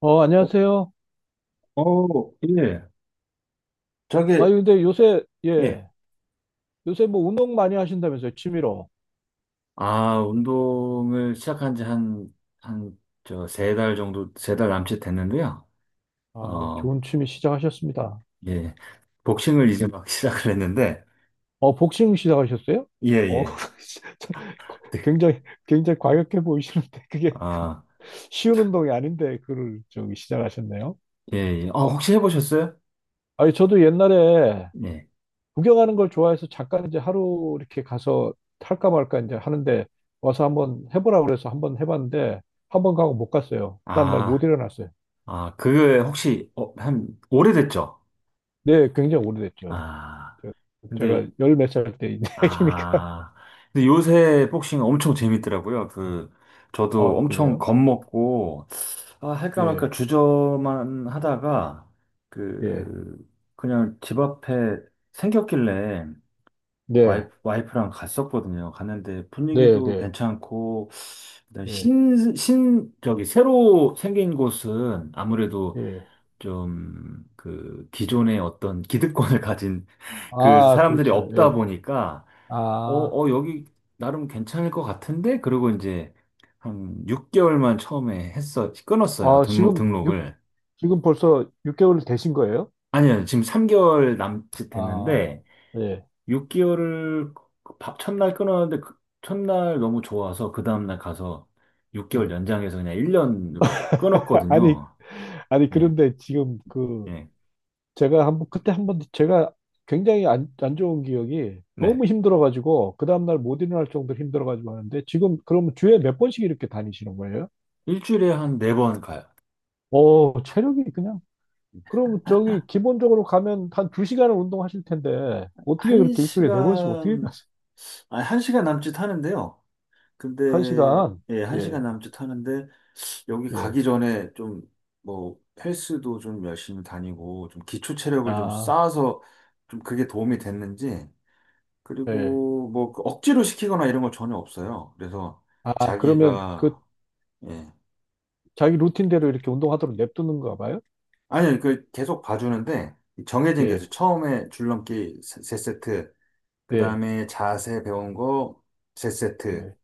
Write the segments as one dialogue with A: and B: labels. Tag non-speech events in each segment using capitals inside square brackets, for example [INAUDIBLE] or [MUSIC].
A: 어,
B: 어,
A: 안녕하세요.
B: 어, 예.
A: 아,
B: 저게,
A: 근데 요새,
B: 예.
A: 예, 요새 뭐 운동 많이 하신다면서요, 취미로.
B: 아, 운동을 시작한 지 한, 3달 정도, 3달 남짓 됐는데요.
A: 아,
B: 어,
A: 좋은 취미 시작하셨습니다.
B: 예. 복싱을 이제 막 [LAUGHS] 시작을 했는데,
A: 어, 복싱 시작하셨어요?
B: 예,
A: 어,
B: 예.
A: [LAUGHS]
B: 네.
A: 굉장히, 굉장히 과격해 보이시는데, 그게 [LAUGHS]
B: 아,
A: 쉬운 운동이 아닌데, 그걸 저기 시작하셨네요.
B: 예, 예. 혹시 해보셨어요?
A: 아니, 저도 옛날에
B: 예.
A: 구경하는 걸 좋아해서 잠깐 이제 하루 이렇게 가서 할까 말까 이제 하는데, 와서 한번 해보라 그래서 한번 해봤는데, 한번 가고 못 갔어요. 다음날 못
B: 아,
A: 일어났어요.
B: 아, 그게 혹시, 오래됐죠?
A: 네, 굉장히 오래됐죠.
B: 아,
A: 저- 제가
B: 근데,
A: 열 몇 살 때 이야기니까. [LAUGHS]
B: 아, 근데 요새 복싱 엄청 재밌더라고요. 그, 저도
A: 아,
B: 엄청
A: 그래요?
B: 겁먹고, 아, 할까 말까
A: 예,
B: 주저만 하다가
A: 예,
B: 그 그냥 집 앞에 생겼길래
A: 네,
B: 와이프랑 갔었거든요. 갔는데
A: 네,
B: 분위기도
A: 네,
B: 괜찮고 그다음에
A: 네,
B: 신, 신 저기 새로 생긴 곳은 아무래도
A: 예.
B: 좀 그 기존의 어떤 기득권을 [LAUGHS] 가진 그
A: 아,
B: 사람들이
A: 그렇죠.
B: 없다
A: 예.
B: 보니까
A: 아,
B: 여기 나름 괜찮을 것 같은데 그리고 이제 한 6개월만 처음에 했어 끊었어요.
A: 아,
B: 등록
A: 지금 육
B: 등록을.
A: 지금 벌써 6개월 되신 거예요?
B: 아니요, 지금 3개월 남짓
A: 아,
B: 됐는데,
A: 예,
B: 6개월을 밥 첫날 끊었는데, 그 첫날 너무 좋아서, 그 다음날 가서 6개월
A: 예.
B: 연장해서 그냥 1년으로
A: [LAUGHS] 아, 아니,
B: 끊었거든요.
A: 아니,
B: 예,
A: 그런데 지금 그,
B: 예,
A: 제가 한번, 그때 한번 제가 굉장히 안, 안 좋은 기억이
B: 네.
A: 너무 힘들어가지고, 그 다음날 못 일어날 정도로 힘들어가지고 하는데, 지금 그러면 주에 몇 번씩 이렇게 다니시는 거예요?
B: 일주일에 한 4번 가요.
A: 오, 체력이 그냥 그럼 저기 기본적으로 가면 한 두시간을 운동하실 텐데 어떻게 그렇게 일주일에 네 번씩 어떻게
B: 1시간,
A: 가세요?
B: 아니, 한 시간 남짓 하는데요. 근데,
A: 한시간
B: 예,
A: 예,
B: 1시간 남짓 하는데, 여기
A: 예.
B: 가기 전에 좀, 뭐, 헬스도 좀 열심히 다니고, 좀 기초 체력을 좀
A: 아,
B: 쌓아서, 좀 그게 도움이 됐는지,
A: 예.
B: 그리고 뭐그 억지로 시키거나 이런 거 전혀 없어요. 그래서
A: 아, 그러면 그
B: 자기가 예.
A: 자기 루틴대로 이렇게 운동하도록 냅두는가 봐요?
B: 아니 그 계속 봐주는데 정해진 게 있어요.
A: 예,
B: 처음에 줄넘기 세 세트,
A: 예,
B: 그다음에 자세 배운 거 세 세트,
A: 예,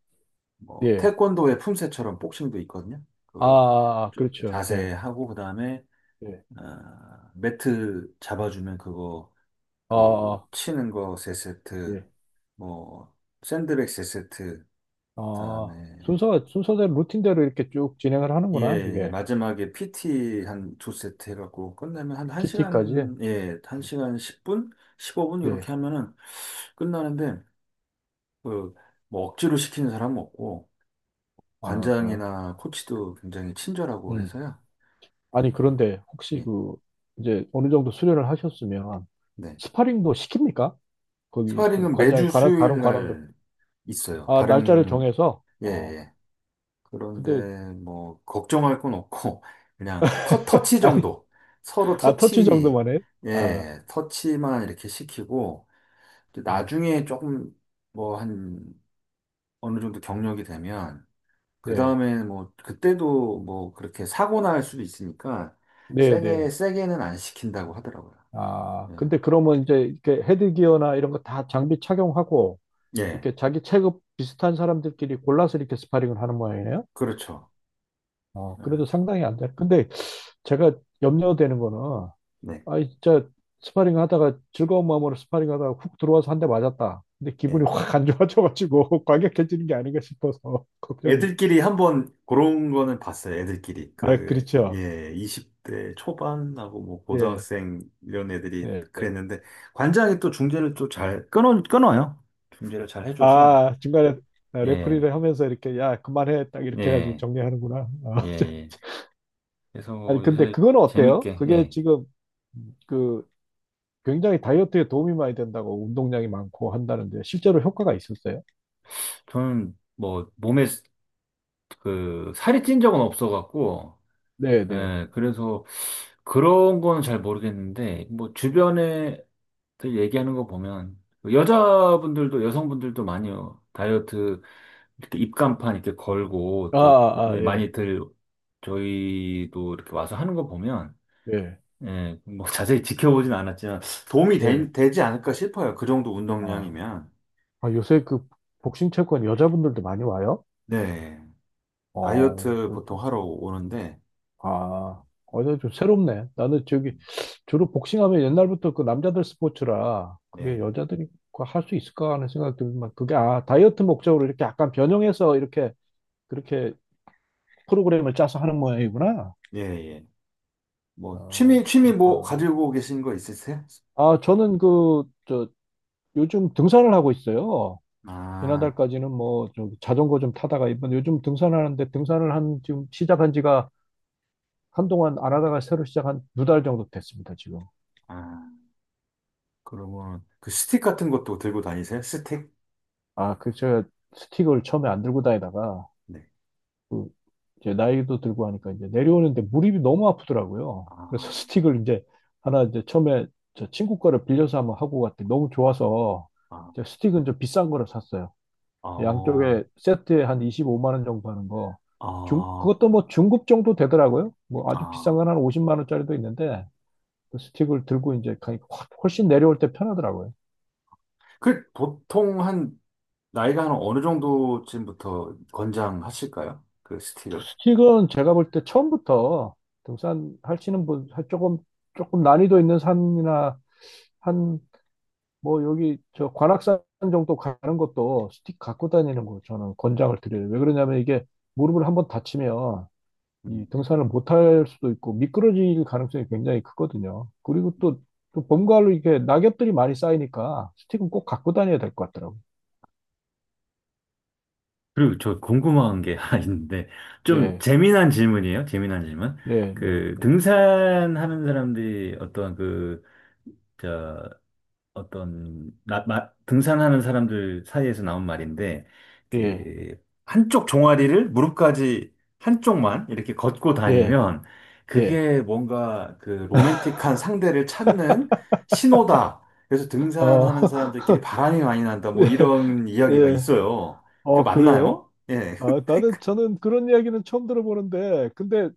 B: 뭐
A: 예.
B: 태권도의 품새처럼 복싱도 있거든요.
A: 아,
B: 그거
A: 아, 아,
B: 쭉
A: 그렇죠.
B: 자세
A: 예,
B: 하고 그다음에
A: 예.
B: 아, 매트 잡아주면 그거
A: 아,
B: 그
A: 아,
B: 치는 거 세 세트,
A: 예.
B: 뭐 샌드백 세 세트, 그다음에
A: 아, 순서, 순서대로 루틴대로 이렇게 쭉 진행을 하는구나,
B: 예,
A: 그게.
B: 마지막에 PT 한 두 세트 해갖고 끝내면 한
A: 키티까지
B: 1시간, 예, 1시간 십0분 15분?
A: 예.
B: 이렇게 하면은 끝나는데, 그, 뭐 억지로 시키는 사람은 없고,
A: 아, 아.
B: 관장이나
A: 그,
B: 코치도 굉장히 친절하고
A: 음.
B: 해서요.
A: 아니,
B: 어,
A: 그런데 혹시
B: 예,
A: 그, 이제 어느 정도 수련을 하셨으면
B: 네.
A: 스파링도 시킵니까? 거기 또
B: 스파링은
A: 관장이
B: 매주
A: 관한, 다른
B: 수요일
A: 관원들.
B: 날 있어요.
A: 아, 날짜를
B: 다른,
A: 정해서,
B: 예,
A: 어,
B: 예.
A: 근데,
B: 그런데 뭐, 걱정할 건 없고, [LAUGHS] 그냥 터치
A: 아니, [LAUGHS]
B: 정도. 서로
A: 아, 터치
B: 터치,
A: 정도만 해요? 아,
B: 예, 터치만 이렇게 시키고, 이제
A: 네,
B: 나중에 조금 뭐 한 어느 정도 경력이 되면 그
A: 네,
B: 다음에 뭐 그때도 뭐 그렇게 사고 날 수도 있으니까
A: 네,
B: 세게
A: 네.
B: 세게는 안 시킨다고 하더라고요.
A: 아,
B: 예,
A: 근데 그러면 이제 이렇게 헤드기어나 이런 거 다 장비 착용하고,
B: 예,
A: 이렇게 자기 체급 비슷한 사람들끼리 골라서 이렇게 스파링을 하는 모양이네요?
B: 그렇죠.
A: 어,
B: 예,
A: 그래도 상당히 안 돼. 근데 제가 염려되는 거는
B: 네,
A: 아, 진짜 스파링 하다가 즐거운 마음으로 스파링 하다가 훅 들어와서 한 대 맞았다. 근데
B: 예.
A: 기분이 확 안 좋아져가지고 [LAUGHS] 과격해지는 게 아닌가 싶어서 [LAUGHS] 걱정이.
B: 애들끼리 한번 그런 거는 봤어요. 애들끼리
A: 아,
B: 그
A: 그렇죠.
B: 예, 20대 초반하고 뭐
A: 예,
B: 고등학생 이런 애들이
A: 예.
B: 그랬는데 관장이 또 중재를 또 잘 끊어요. 중재를 잘 해줘서
A: 아, 중간에
B: 예,
A: 레프리를 하면서 이렇게 야, 그만해. 딱 이렇게 해가지고
B: 예,
A: 정리하는구나.
B: 예.
A: 아,
B: 예. 그래서
A: [LAUGHS] 아니, 근데
B: 요새
A: 그거는 어때요?
B: 재밌게,
A: 그게
B: 예.
A: 지금 그 굉장히 다이어트에 도움이 많이 된다고 운동량이 많고 한다는데 실제로 효과가 있었어요?
B: 저는 뭐 몸에 그 살이 찐 적은 없어갖고,
A: 네, 네.
B: 예. 그래서 그런 건 잘 모르겠는데, 뭐 주변에 들 얘기하는 거 보면, 여자분들도, 여성분들도 많이 요 다이어트 이렇게 입간판 이렇게 걸고
A: 아,
B: 또
A: 아, 아,
B: 예,
A: 예,
B: 많이들 저희도 이렇게 와서 하는 거 보면,
A: 예,
B: 예. 뭐 [LAUGHS] 자세히 지켜보진 않았지만 도움이 되,
A: 예.
B: 되지 않을까 싶어요. 그 정도
A: 아.
B: 운동량이면.
A: 아, 요새 그 복싱 체육관 여자분들도 많이 와요?
B: 네.
A: 어,
B: 다이어트
A: 그렇죠.
B: 보통 하러 오는데,
A: 아, 어제 좀 새롭네. 나는 저기 주로 복싱하면 옛날부터 그 남자들 스포츠라 그게
B: 예,
A: 여자들이 그 할수 있을까 하는 생각이 들지만 그게 아, 다이어트 목적으로 이렇게 약간 변형해서 이렇게 그렇게 프로그램을 짜서 하는 모양이구나.
B: 예, 예. 뭐, 취미,
A: 어,
B: 취미 뭐,
A: 그렇구나.
B: 가지고 계신 거 있으세요?
A: 아, 저는 그, 저, 요즘 등산을 하고 있어요.
B: 아,
A: 지난달까지는 뭐, 저 자전거 좀 타다가 이번 요즘 등산하는데 등산을 한, 지금 시작한 지가 한동안 안 하다가 새로 시작한 2달 정도 됐습니다, 지금.
B: 아, 그러면 그 스틱 같은 것도 들고 다니세요? 스틱?
A: 아, 그, 제가 스틱을 처음에 안 들고 다니다가,
B: 네.
A: 그, 이제 나이도 들고 하니까 이제 내려오는데 무릎이 너무 아프더라고요. 그래서 [LAUGHS]
B: 아,
A: 스틱을 이제 하나 이제 처음에 저 친구 거를 빌려서 한번 하고 갔더니 너무 좋아서
B: 아,
A: 이제 스틱은 좀 비싼 거를 샀어요.
B: 어,
A: 양쪽에 세트에 한 25만 원 정도 하는 거. 중,
B: 아,
A: 그것도 뭐 중급 정도 되더라고요. 뭐 아주 비싼
B: 아.
A: 건 한 50만 원짜리도 있는데 그 스틱을 들고 이제 가니까 확- 훨씬 내려올 때 편하더라고요.
B: 그, 보통 나이가 한 어느 정도쯤부터 권장하실까요? 그 스틱을?
A: 스틱은 제가 볼 때 처음부터 등산하시는 분, 하- 조금, 조금 난이도 있는 산이나 한, 뭐 여기 저 관악산 정도 가는 것도 스틱 갖고 다니는 거 저는 권장을 드려요. 왜 그러냐면 이게 무릎을 한번 다치면
B: 음.
A: 이 등산을 못 할 수도 있고 미끄러질 가능성이 굉장히 크거든요. 그리고 또, 또 봄가을로 이게 렇 낙엽들이 많이 쌓이니까 스틱은 꼭 갖고 다녀야 될 것 같더라고요.
B: 그리고 저 궁금한 게 [LAUGHS] 하나 있는데, 좀
A: 예,
B: 재미난 질문이에요. 재미난 질문.
A: 예, 네,
B: 그,
A: 네,
B: 등산하는 사람들이 어떤 그, 저, 어떤, 나, 마, 등산하는 사람들 사이에서 나온 말인데,
A: 예,
B: 그, 한쪽 종아리를 무릎까지 한쪽만 이렇게 걷고
A: 예,
B: 다니면,
A: 예.
B: 그게 뭔가 그 로맨틱한 상대를 찾는 신호다. 그래서
A: 어,
B: 등산하는 사람들끼리 바람이 많이 난다. 뭐
A: [LAUGHS]
B: 이런 이야기가
A: 예.
B: 있어요. 그
A: 어, 그래요?
B: 맞나요? 예.
A: 아, 나는 저는 그런 이야기는 처음 들어보는데, 근데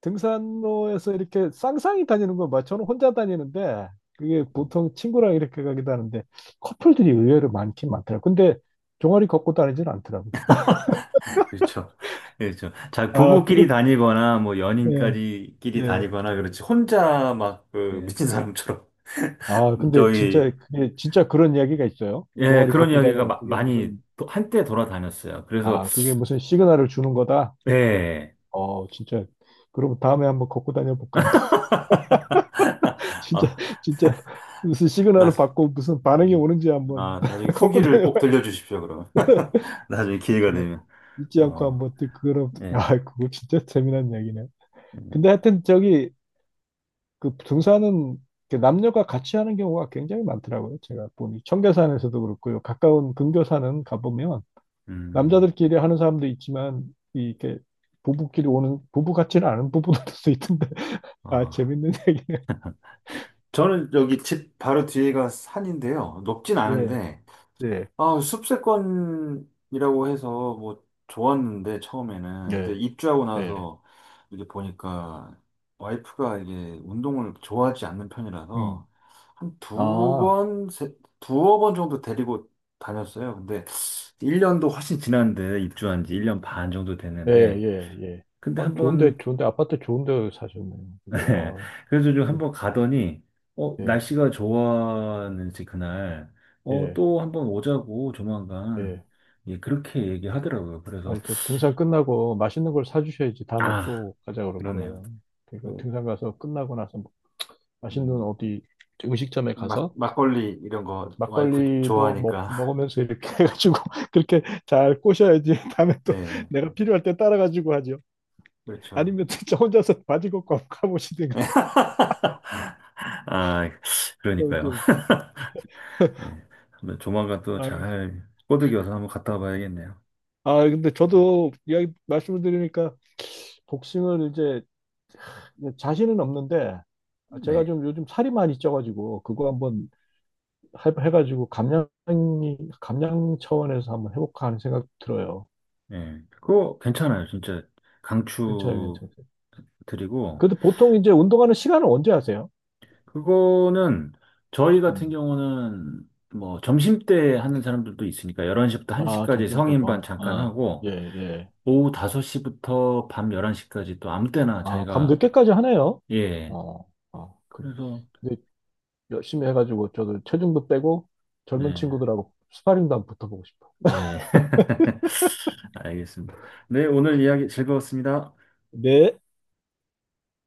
A: 등산로에서 이렇게 쌍쌍이 다니는 건 맞죠? 저는 혼자 다니는데, 그게 보통 친구랑 이렇게 가기도 하는데, 커플들이 의외로 많긴 많더라고요. 근데 종아리 걷고 다니진 않더라고요.
B: 그렇죠. 그렇죠. 자,
A: 아, 그렇,
B: 부부끼리 다니거나, 뭐,
A: 예,
B: 연인까지 끼리
A: 예,
B: 다니거나, 그렇지. 혼자 막, 그,
A: 예.
B: 미친 사람처럼.
A: 아,
B: [LAUGHS]
A: 근데 진짜,
B: 저기,
A: 그게, 진짜 그런 이야기가 있어요.
B: 예,
A: 종아리
B: 그런
A: 걷고
B: 이야기가
A: 다니면 그게
B: 많이,
A: 무슨,
B: 한때 돌아다녔어요. 그래서,
A: 아, 그게 무슨 시그널을 주는 거다?
B: 예.
A: 어, 진짜. 그럼 다음에 한번 걷고 다녀볼까?
B: 아,
A: 진짜 진짜 무슨
B: 나,
A: 시그널을 받고 무슨 반응이
B: 음.
A: 오는지 한번
B: 아, 나중에
A: [LAUGHS] 걷고
B: 후기를 꼭
A: 다녀봐야지.
B: 들려주십시오, 그러면. [LAUGHS] 나중에 기회가 되면.
A: 잊지 않고
B: 어,
A: 한번 또 그거는
B: 예.
A: 아 그거 진짜 재미난 얘기네 근데 하여튼 저기 그 등산은 이렇게 남녀가 같이 하는 경우가 굉장히 많더라고요. 제가 보니 청계산에서도 그렇고요. 가까운 근교산은 가보면
B: 음,
A: 남자들끼리 하는 사람도 있지만 이- 이렇게 부부끼리 오는 부부 같지는 않은 부부들도 [LAUGHS] 있던데 아
B: 아.
A: 재밌는 얘기네.
B: 저는 여기 집 바로 뒤에가 산인데요. 높진
A: 예,
B: 않은데,
A: 예,
B: 아, 숲세권이라고 해서 뭐 좋았는데 처음에는 근데
A: 예,
B: 입주하고
A: 예.
B: 나서 이게 보니까 와이프가 이게 운동을 좋아하지 않는
A: 음.
B: 편이라서 한 두
A: 아.
B: 번, 두어 번 정도 데리고 다녔어요. 근데 1년도 훨씬 지났는데 입주한 지 1년 반 정도
A: 네,
B: 됐는데
A: 예, 예.
B: 근데
A: 아, 좋은데,
B: 한번
A: 좋은데, 아파트 좋은데 사셨네요.
B: [LAUGHS] 네.
A: 이거, 아,
B: 그래서 좀
A: 그,
B: 한번 가더니,
A: 예,
B: 날씨가 좋았는지 그날,
A: 예,
B: 또 한번 오자고 조만간,
A: 예.
B: 예, 그렇게 얘기하더라고요. 그래서,
A: 아, 그 등산 끝나고 맛있는 걸 사주셔야지 다음에
B: 아,
A: 또 가자 그럴
B: 그러네요.
A: 거예요. 그러니까
B: 뭐,
A: 등산 가서 끝나고 나서 맛있는
B: 음,
A: 어디 음식점에
B: 막,
A: 가서
B: 막걸리 이런 거 와이프
A: 막걸리도 먹,
B: 좋아하니까.
A: 먹으면서 이렇게 [LAUGHS] 해가지고 그렇게 잘 꼬셔야지 [LAUGHS] 다음에
B: [LAUGHS]
A: 또
B: 네,
A: 내가 필요할 때 따라가지고 하죠.
B: 그렇죠.
A: 아니면 진짜 혼자서 바지 걷고 한번 가보시든가.
B: 아,
A: [LAUGHS] 어,
B: 그러니까요.
A: 저-
B: 예. 한번 조만간 또
A: 아유,
B: 잘 꼬드겨서 한번 갔다 와봐야겠네요.
A: 아, 근데 저도 이야기 말씀을 드리니까 복싱을 이제 자신은 없는데 제가
B: 네.
A: 좀 요즘 살이 많이 쪄가지고 그거 한번 해- 해가지고 감량 차원에서 한번 해볼까 하는 생각 들어요.
B: 예. 그거 괜찮아요. 진짜
A: 괜찮아요,
B: 강추
A: 괜찮아요.
B: 드리고,
A: 그래도 보통 이제 운동하는 시간은 언제 하세요?
B: 그거는 저희 같은
A: 음.
B: 경우는 뭐 점심때 하는 사람들도 있으니까 11시부터
A: 아,
B: 1시까지
A: 점심
B: 성인반
A: 때도.
B: 잠깐
A: 아,
B: 하고
A: 예, 예.
B: 오후 5시부터 밤 11시까지 또 아무 때나
A: 아, 밤
B: 자기가
A: 늦게까지 하네요.
B: 예.
A: 어, 어, 그,
B: 그래서
A: 근데 열심히 해가지고 저도 체중도 빼고 젊은
B: 네.
A: 친구들하고 스파링도 한번 붙어보고 싶어.
B: 예. [LAUGHS] 알겠습니다. 네, 오늘 이야기 즐거웠습니다.
A: 네.